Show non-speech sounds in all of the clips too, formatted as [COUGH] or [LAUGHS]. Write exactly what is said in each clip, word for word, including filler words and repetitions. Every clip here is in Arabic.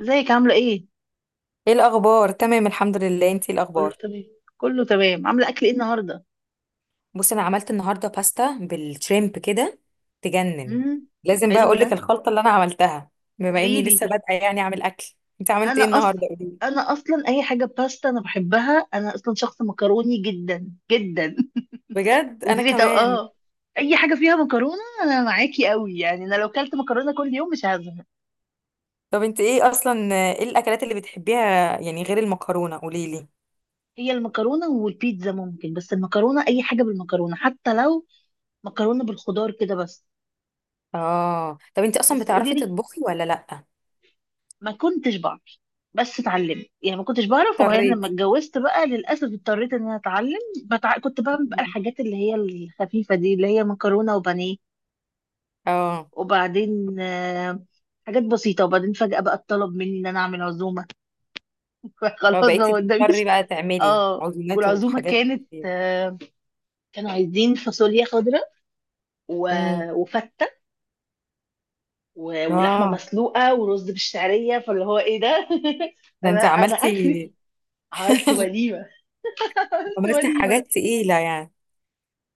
ازيك عامله ايه؟ ايه الاخبار؟ تمام، الحمد لله. انتي إيه اقول له الاخبار؟ تمام. كله تمام، عامله اكل ايه النهارده؟ بصي، انا عملت النهارده باستا بالشريمب كده تجنن. امم. لازم بقى حلو اقول ده. لك الخلطه اللي انا عملتها. بما قولي اني لسه لي. بادئه يعني اعمل اكل. انت عملت انا ايه النهارده؟ اصلا قولي. انا اصلا اي حاجه باستا انا بحبها، انا اصلا شخص مكروني جدا جدا. [LAUGHS] بجد، انا قولي لي طب كمان. اه. اي حاجه فيها مكرونه انا معاكي قوي، يعني انا لو كلت مكرونه كل يوم مش هزهق. طب انت ايه اصلا، ايه الاكلات اللي بتحبيها يعني غير المكرونه؟ قولي لي. هي المكرونه والبيتزا ممكن، بس المكرونه اي حاجه بالمكرونه، حتى لو مكرونه بالخضار كده بس. اه، طب انت اصلا بس قولي بتعرفي لي. تطبخي ولا لا؟ ما كنتش بعرف. بس اتعلمت يعني، ما كنتش بعرف، وبعدين لما اضطريتي؟ اتجوزت بقى للاسف اضطريت ان انا اتعلم. بتع... كنت بعمل بقى الحاجات اللي هي الخفيفه دي، اللي هي مكرونه وبانيه، اه، وبعدين آه، حاجات بسيطه، وبعدين فجاه بقى اتطلب مني ان انا اعمل عزومه. [LAUGHS] خلاص ما فبقيتي بتضطري قداميش. بقى تعملي اه، عزومات والعزومه وحاجات كانت كتير. آه، كانوا عايزين فاصوليا خضراء و... امم. وفته و... ولحمه اه، مسلوقه ورز بالشعريه، فاللي هو ايه ده؟ [LAUGHS] ده انا انت انا اخري. عملتي؟ عملت وليمه، عملت عملت حاجات وليمة. تقيلة يعني.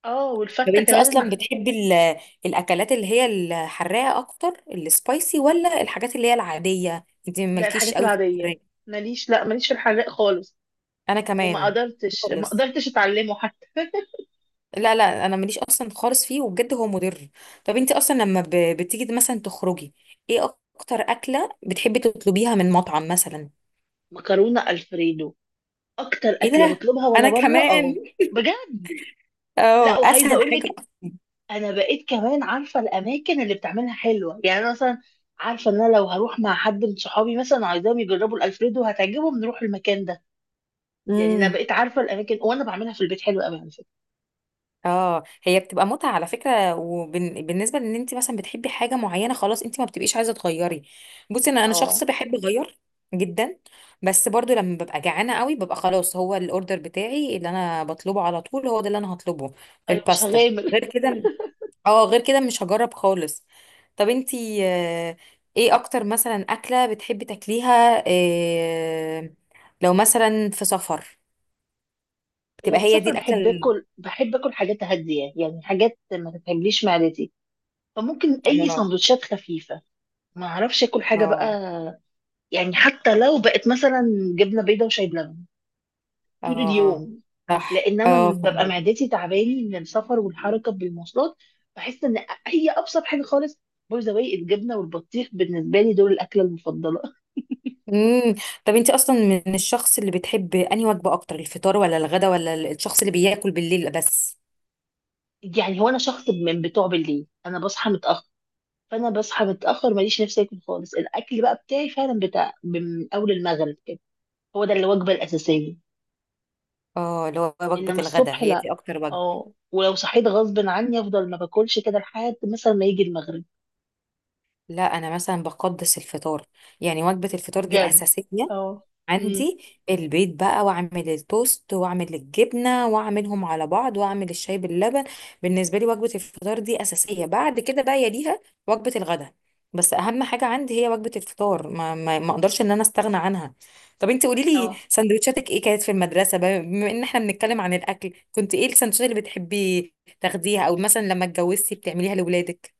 اه طب والفتة انت كمان اصلا إن- بتحبي ال- الاكلات اللي هي الحراقه اكتر، السبايسي، ولا الحاجات اللي هي العاديه؟ انت ده مالكيش الحاجات قوي في العادية. الحراقه؟ ماليش، لا ماليش في الحراق خالص. انا وما كمان. قدرتش ما خالص. قدرتش اتعلمه حتى. لا، لا، انا ماليش اصلا خالص فيه، وبجد هو مضر. طب انت اصلا لما ب- بتيجي مثلا تخرجي. ايه؟ اكتر اكله بتحبي تطلبيها من مطعم مثلا؟ مكرونة الفريدو، اكتر ايه اكلة ده؟ بطلبها وانا انا بره، كمان. اه. بجد. لا، اه، وعايزة اسهل اقول حاجه. لك: انا بقيت كمان عارفة الاماكن اللي بتعملها حلوة، يعني أنا مثلا عارفة ان انا لو هروح مع حد من صحابي مثلا عايزاهم يجربوا الالفريدو هتعجبهم، نروح المكان ده. يعني انا اصلا. بقيت عارفة الاماكن، وانا بعملها في البيت حلوة قوي على فكرة. اه، هي بتبقى متعة على فكرة. وبالنسبة لان انت مثلا بتحبي حاجة معينة، خلاص انت ما بتبقيش عايزة تغيري. بصي، انا انا اه. شخص بحب اغير جدا. بس برضو لما ببقى جعانة قوي ببقى خلاص، هو الاوردر بتاعي اللي انا بطلبه على طول هو ده اللي انا هطلبه. انا مش الباستا. هغامر. غير كده. اه، غير كده مش هجرب خالص. طب انت. آه، ايه اكتر مثلا اكلة بتحبي تاكليها آه، لو مثلا في سفر لو بتبقى هي دي بسافر الاكلة بحب ال- اكل، بحب اكل حاجات هاديه، يعني حاجات ما تتعبليش معدتي. فممكن اي اه، سندوتشات خفيفه. ما اعرفش اكل حاجه بقى. اه، يعني حتى لو بقت مثلا جبنه بيضاء وشاي بلبن طول اه، اليوم. صح، لان انا اه ببقى فهمت. معدتي تعباني من السفر والحركه بالمواصلات. بحس ان هي ابسط حاجه خالص. باي ذا واي، الجبنه والبطيخ بالنسبه لي دول الاكله المفضله. امم. طب انت اصلا من الشخص اللي بتحب انهي وجبه اكتر، الفطار ولا الغدا ولا ال- الشخص اللي بياكل بالليل بس؟ يعني هو انا شخص من بتوع بالليل، انا بصحى متاخر. فانا بصحى متاخر ماليش نفسي اكل خالص، الاكل بقى بتاعي فعلا بتاع من اول المغرب كده. هو ده الوجبه الاساسيه. اه، اللي هو وجبه انما الغدا الصبح هي لا. دي اكتر وجبه. اه، ولو صحيت غصب عني افضل ما باكلش كده لحد مثلا ما يجي المغرب. لا، انا مثلا بقدس الفطار. يعني وجبه الفطار دي بجد. اساسيه اه. امم. عندي. البيض بقى واعمل التوست واعمل الجبنه واعملهم على بعض واعمل الشاي باللبن. بالنسبه لي وجبه الفطار دي اساسيه، بعد كده بقى يليها وجبه الغداء. بس اهم حاجه عندي هي وجبه الفطار، ما ما, ما اقدرش ان انا استغنى عنها. طب انت قولي لي اه. سندوتشاتك ايه كانت في المدرسه بقى، بما ان احنا بنتكلم عن الاكل، كنت ايه السندوتشات اللي بتحبي تاخديها، او مثلا لما اتجوزتي بتعمليها لاولادك؟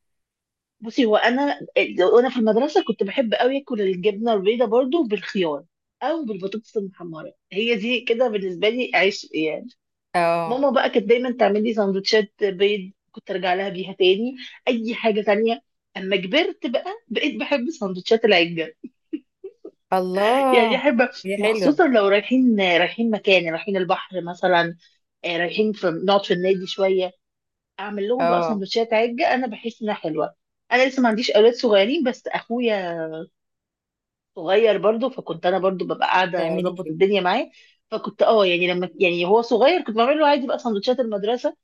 بصي هو انا، وانا في المدرسه كنت بحب قوي اكل الجبنه البيضاء برضو بالخيار او بالبطاطس المحمره، هي دي كده بالنسبه لي عيش يعني. اه، ماما بقى كانت دايما تعمل لي سندوتشات بيض، كنت ارجع لها بيها تاني. اي حاجه تانية. اما كبرت بقى بقيت بحب سندوتشات العجه. [LAUGHS] يعني الله، احب. دي حلوه. وخصوصا لو رايحين رايحين مكان، رايحين البحر مثلا، آه، رايحين، في نقعد في النادي شويه. اعمل لهم بقى اه. سندوتشات عجه، انا بحس انها حلوه. انا لسه ما عنديش اولاد صغيرين بس اخويا صغير برضه، فكنت انا برضه ببقى قاعده تعملي اظبط الدنيا معاه. فكنت اه، يعني لما يعني هو صغير كنت بعمل له عادي بقى سندوتشات المدرسه.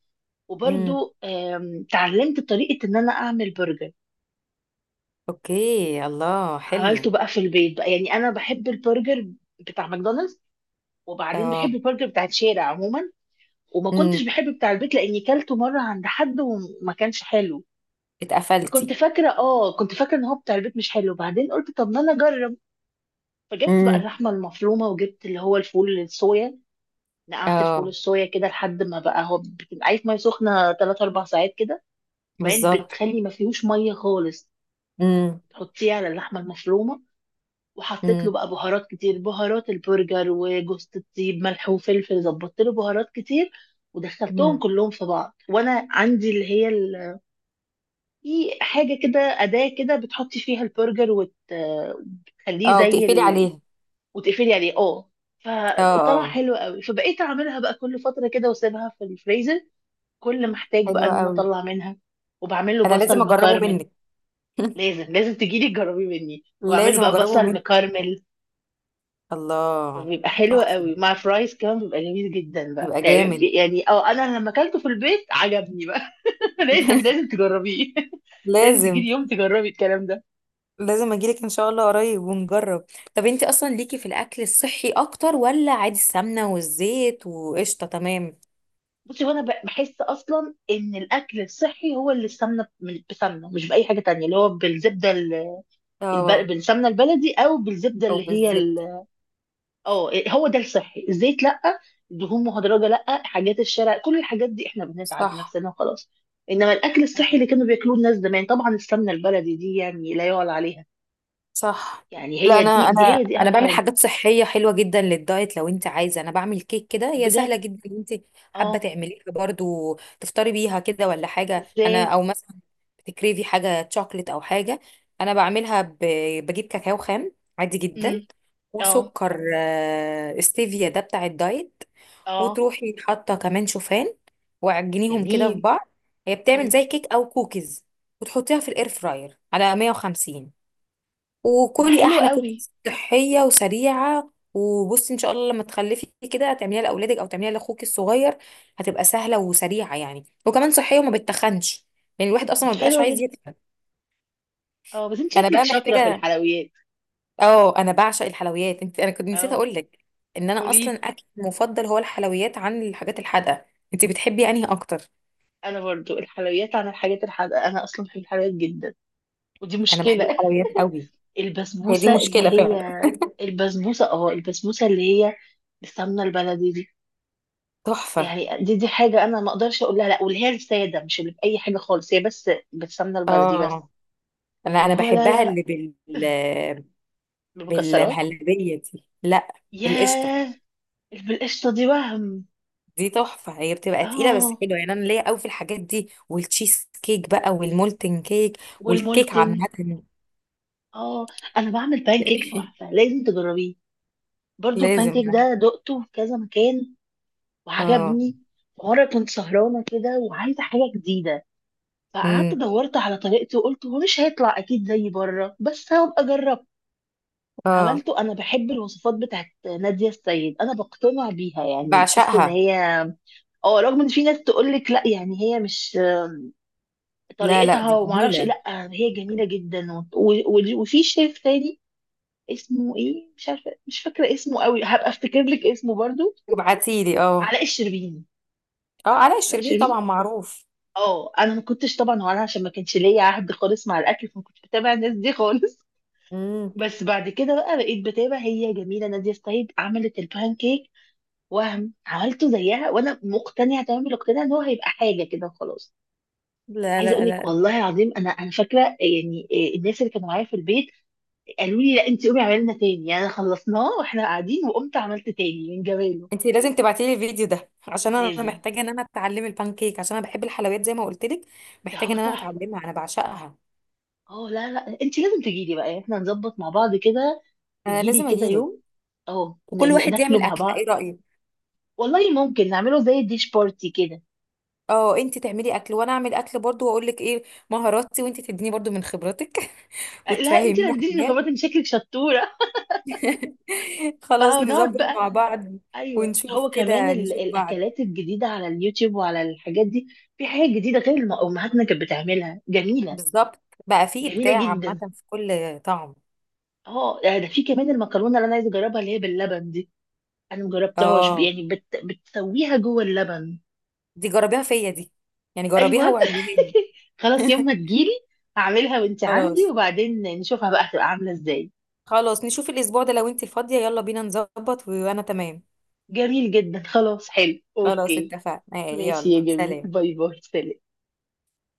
ايه؟ وبرضو آم، اتعلمت طريقة ان انا اعمل برجر. اوكي، الله، عملته حلو. بقى في البيت بقى، يعني انا بحب البرجر بتاع ماكدونالدز، وبعدين اه. بحب البرجر بتاع الشارع عموما. وما كنتش امم. بحب بتاع البيت لاني كلته مرة عند حد وما كانش حلو. فكنت اتقفلتي؟ فاكرة اه، كنت فاكرة ان هو بتاع البيت مش حلو، بعدين قلت طب ما انا اجرب. فجبت بقى امم. اللحمة المفرومة، وجبت اللي هو الفول الصويا. نقعت الفول اه، الصويا كده لحد ما بقى هو بتبقى عايز ميه سخنه ثلاث اربعة ساعات كده. وبعدين بالظبط. بتخلي ما فيهوش ميه خالص. امم. تحطيه على اللحمه المفرومه. وحطيت له امم. بقى بهارات كتير، بهارات البرجر وجوز الطيب ملح وفلفل، ظبطت له بهارات كتير. ودخلتهم امم. كلهم في بعض، وانا عندي اللي هي ال... في حاجه كده اداه كده بتحطي فيها البرجر وت... وتخليه اه، زي وتقفلي ال... عليها. وتقفلي عليه اه. اه، فطلع اه. حلو قوي، فبقيت اعملها بقى كل فتره كده واسيبها في الفريزر، كل ما احتاج حلو بقى ان انا قوي. اطلع منها. وبعمل له انا لازم بصل اجربه مكرمل. منك. [LAUGHS] لازم لازم تجيلي تجربي مني، وبعمل له لازم بقى اجربه بصل منك. مكرمل. الله، فبيبقى حلو قوي تحفه. مع فرايز كمان، بيبقى جميل جدا بقى، يبقى يعني جامد. يعني اه انا لما اكلته في البيت عجبني بقى. [LAUGHS] لازم لازم [LAUGHS] تجربيه. [LAUGHS] لازم تجيلي لازم، يوم تجربي الكلام ده. لازم اجيلك ان شاء الله قريب ونجرب. طب انت اصلا ليكي في الاكل الصحي اكتر، ولا عادي السمنه والزيت وقشطه تمام؟ بصي وانا ب- بحس اصلا ان الاكل الصحي هو اللي السمنه من- بسمنه مش باي حاجه تانية، اللي هو بالزبده ال- الب... اه، بالسمنه البلدي او بالزبده او اللي هي بالزبده. اه، هو ده الصحي، الزيت لا. دهون مهدرجه لا، حاجات الشارع كل الحاجات دي احنا بنتعب صح، نفسنا وخلاص. انما الاكل الصحي اللي كانوا بياكلوه الناس زمان طبعا، السمنه البلدي دي يعني لا يعلى عليها. صح. يعني لا، هي انا دي، دي انا هي دي انا اهم بعمل حاجه. حاجات صحيه حلوه جدا للدايت. لو انت عايزه، انا بعمل كيك كده هي سهله بجد. جدا، لو انت حابه اه. تعمليها برضو تفطري بيها كده، ولا حاجه. انا، ازاي. او مثلا بتكريفي حاجه شوكليت او حاجه؟ انا بعملها ب... بجيب كاكاو خام عادي امم. جدا. اه. وسكر آه، ستيفيا ده بتاع الدايت. اه. وتروحي حاطه كمان شوفان، وعجنيهم كده في جميل. بعض. هي بتعمل مم. زي كيك او كوكيز. وتحطيها في الاير فراير على مية وخمسين، ده وكلي حلو احلى كده. قوي. صحيه وسريعه. وبصي ان شاء الله لما تخلفي كده هتعمليها لاولادك او تعمليها لاخوك الصغير. هتبقى سهله وسريعه يعني، وكمان صحيه وما بتخنش. يعني الواحد اصلا ما ده بيبقاش حلو عايز جدا. يتخن. اه بس انت انا شكلك بقى شاطره في محتاجه. الحلويات. اه، انا بعشق الحلويات. انت، انا كنت نسيت اه. اقول لك ان انا اصلا قولي. اكل مفضل هو الحلويات عن الحاجات الحادقه. انت بتحبي انهي اكتر؟ انا برضو الحلويات عن الحاجات الحادقه، انا اصلا بحب الحلويات جدا. ودي انا بحب مشكله. الحلويات قوي. هي دي البسبوسة مشكله اللي هي فعلا. البسبوسة اه البسبوسة اللي هي السمنة البلدي دي، تحفه. يعني دي دي حاجة أنا ما أقدرش أقول لها لأ، واللي هي السادة مش اللي بأي حاجة خالص، هي بس بالسمنة البلدي بس. اه، انا اللي انا هو لا بحبها لا لا. اللي بال بالمكسرات. بالمهلبية دي لا. بالقشطة ياه. اللي بالقشطة دي وهم. دي تحفة، هي بتبقى تقيلة بس اه. حلوة. يعني أنا ليا قوي في الحاجات دي، والتشيز كيك بقى والمولتن كيك والكيك والمولتن. عامة. اه. أنا بعمل بانكيك تحفة [LAUGHS] لازم تجربيه. برضو لازم البانكيك يعني. ده دقته في كذا مكان اه. وعجبني. مرة كنت سهرانة كده وعايزة حاجة جديدة، فقعدت امم. دورت على طريقتي، وقلت هو مش هيطلع اكيد زي بره بس هبقى اجرب. اه. عملته، انا بحب الوصفات بتاعت نادية السيد، انا بقتنع بيها يعني، بحس ان بعشقها. هي اه رغم ان في ناس تقول لك لا، يعني هي مش لا، لا، طريقتها، دي وما اعرفش إيه، جميلة. لا هي جميلة جدا و... و... و... وفي شيف تاني. اسمه ايه مش عارفه، مش فاكره اسمه قوي، هبقى افتكر لك اسمه برضو. ابعتيلي، اه. علاء الشربيني. اه، صح علاء علاء الشربيني طبعا الشربيني. معروف. اه، انا ما كنتش طبعا، وانا عشان ما كانش ليا عهد خالص مع الاكل، فما كنتش بتابع الناس دي خالص. امم. بس بعد كده بقى بقيت بتابع، هي جميله ناديه السيد، عملت البان كيك، وهم عملته زيها وانا مقتنعه تمام الاقتناع ان هو هيبقى حاجه كده وخلاص. لا، عايزه لا، اقول لك، لا، والله العظيم انا انا فاكره، يعني إيه، الناس اللي كانوا معايا في البيت قالوا لي لا انت قومي اعملي لنا تاني، يعني خلصناه واحنا قاعدين، وقمت عملت تاني من جماله. انت لازم تبعتيلي الفيديو ده عشان انا لازم. محتاجة ان انا اتعلم البانكيك، عشان انا بحب الحلويات زي ما قلت لك. ده محتاجة هو ان انا تحفه. اتعلمها، انا بعشقها. اه لا لا انت لازم تجي لي بقى، يعني احنا نظبط مع بعض كده. انا تجي لي لازم كده اجيلك. يوم اه ن- وكل ن- واحد ناكله يعمل مع اكله، بعض. ايه رايك؟ والله ممكن نعمله زي الديش بارتي كده. اه، انت تعملي اكل وانا اعمل اكل برضو، واقول لك ايه مهاراتي، وانت تديني برضو من خبرتك [LAUGHS] لا انت اللي وتفهميني هتديني حاجات. خبرات، انت شكلك شطوره. [LAUGHS] خلاص، فهنقعد نظبط بقى. مع بعض ايوه، ونشوف هو كمان كده، ال- نشوف بعض. الاكلات الجديده على اليوتيوب وعلى الحاجات دي. في حاجات جديده غير اللي امهاتنا كانت بتعملها، جميله. بالظبط. بقى في جميله ابداع عامه جدا. في كل طعم. اه ده ده في كمان المكرونه اللي انا عايزه اجربها اللي هي باللبن دي، انا مجربتهاش، اه، يعني بت... بتسويها جوه اللبن. دي جربيها فيا دي. يعني جربيها ايوه. واعمليها لي. [LAUGHS] خلاص يوم [LAUGHS] ما تجيلي هعملها وانت عندي، خلاص. وبعدين نشوفها بقى هتبقى عامله ازاي. خلاص، نشوف الاسبوع ده لو انت فاضيه. يلا بينا نظبط، وانا تمام. جميل جدا، خلاص حلو، خلاص، اوكي. اتفقنا آه، ماشي يا يلا، جميل، سلام. باي باي، سلام.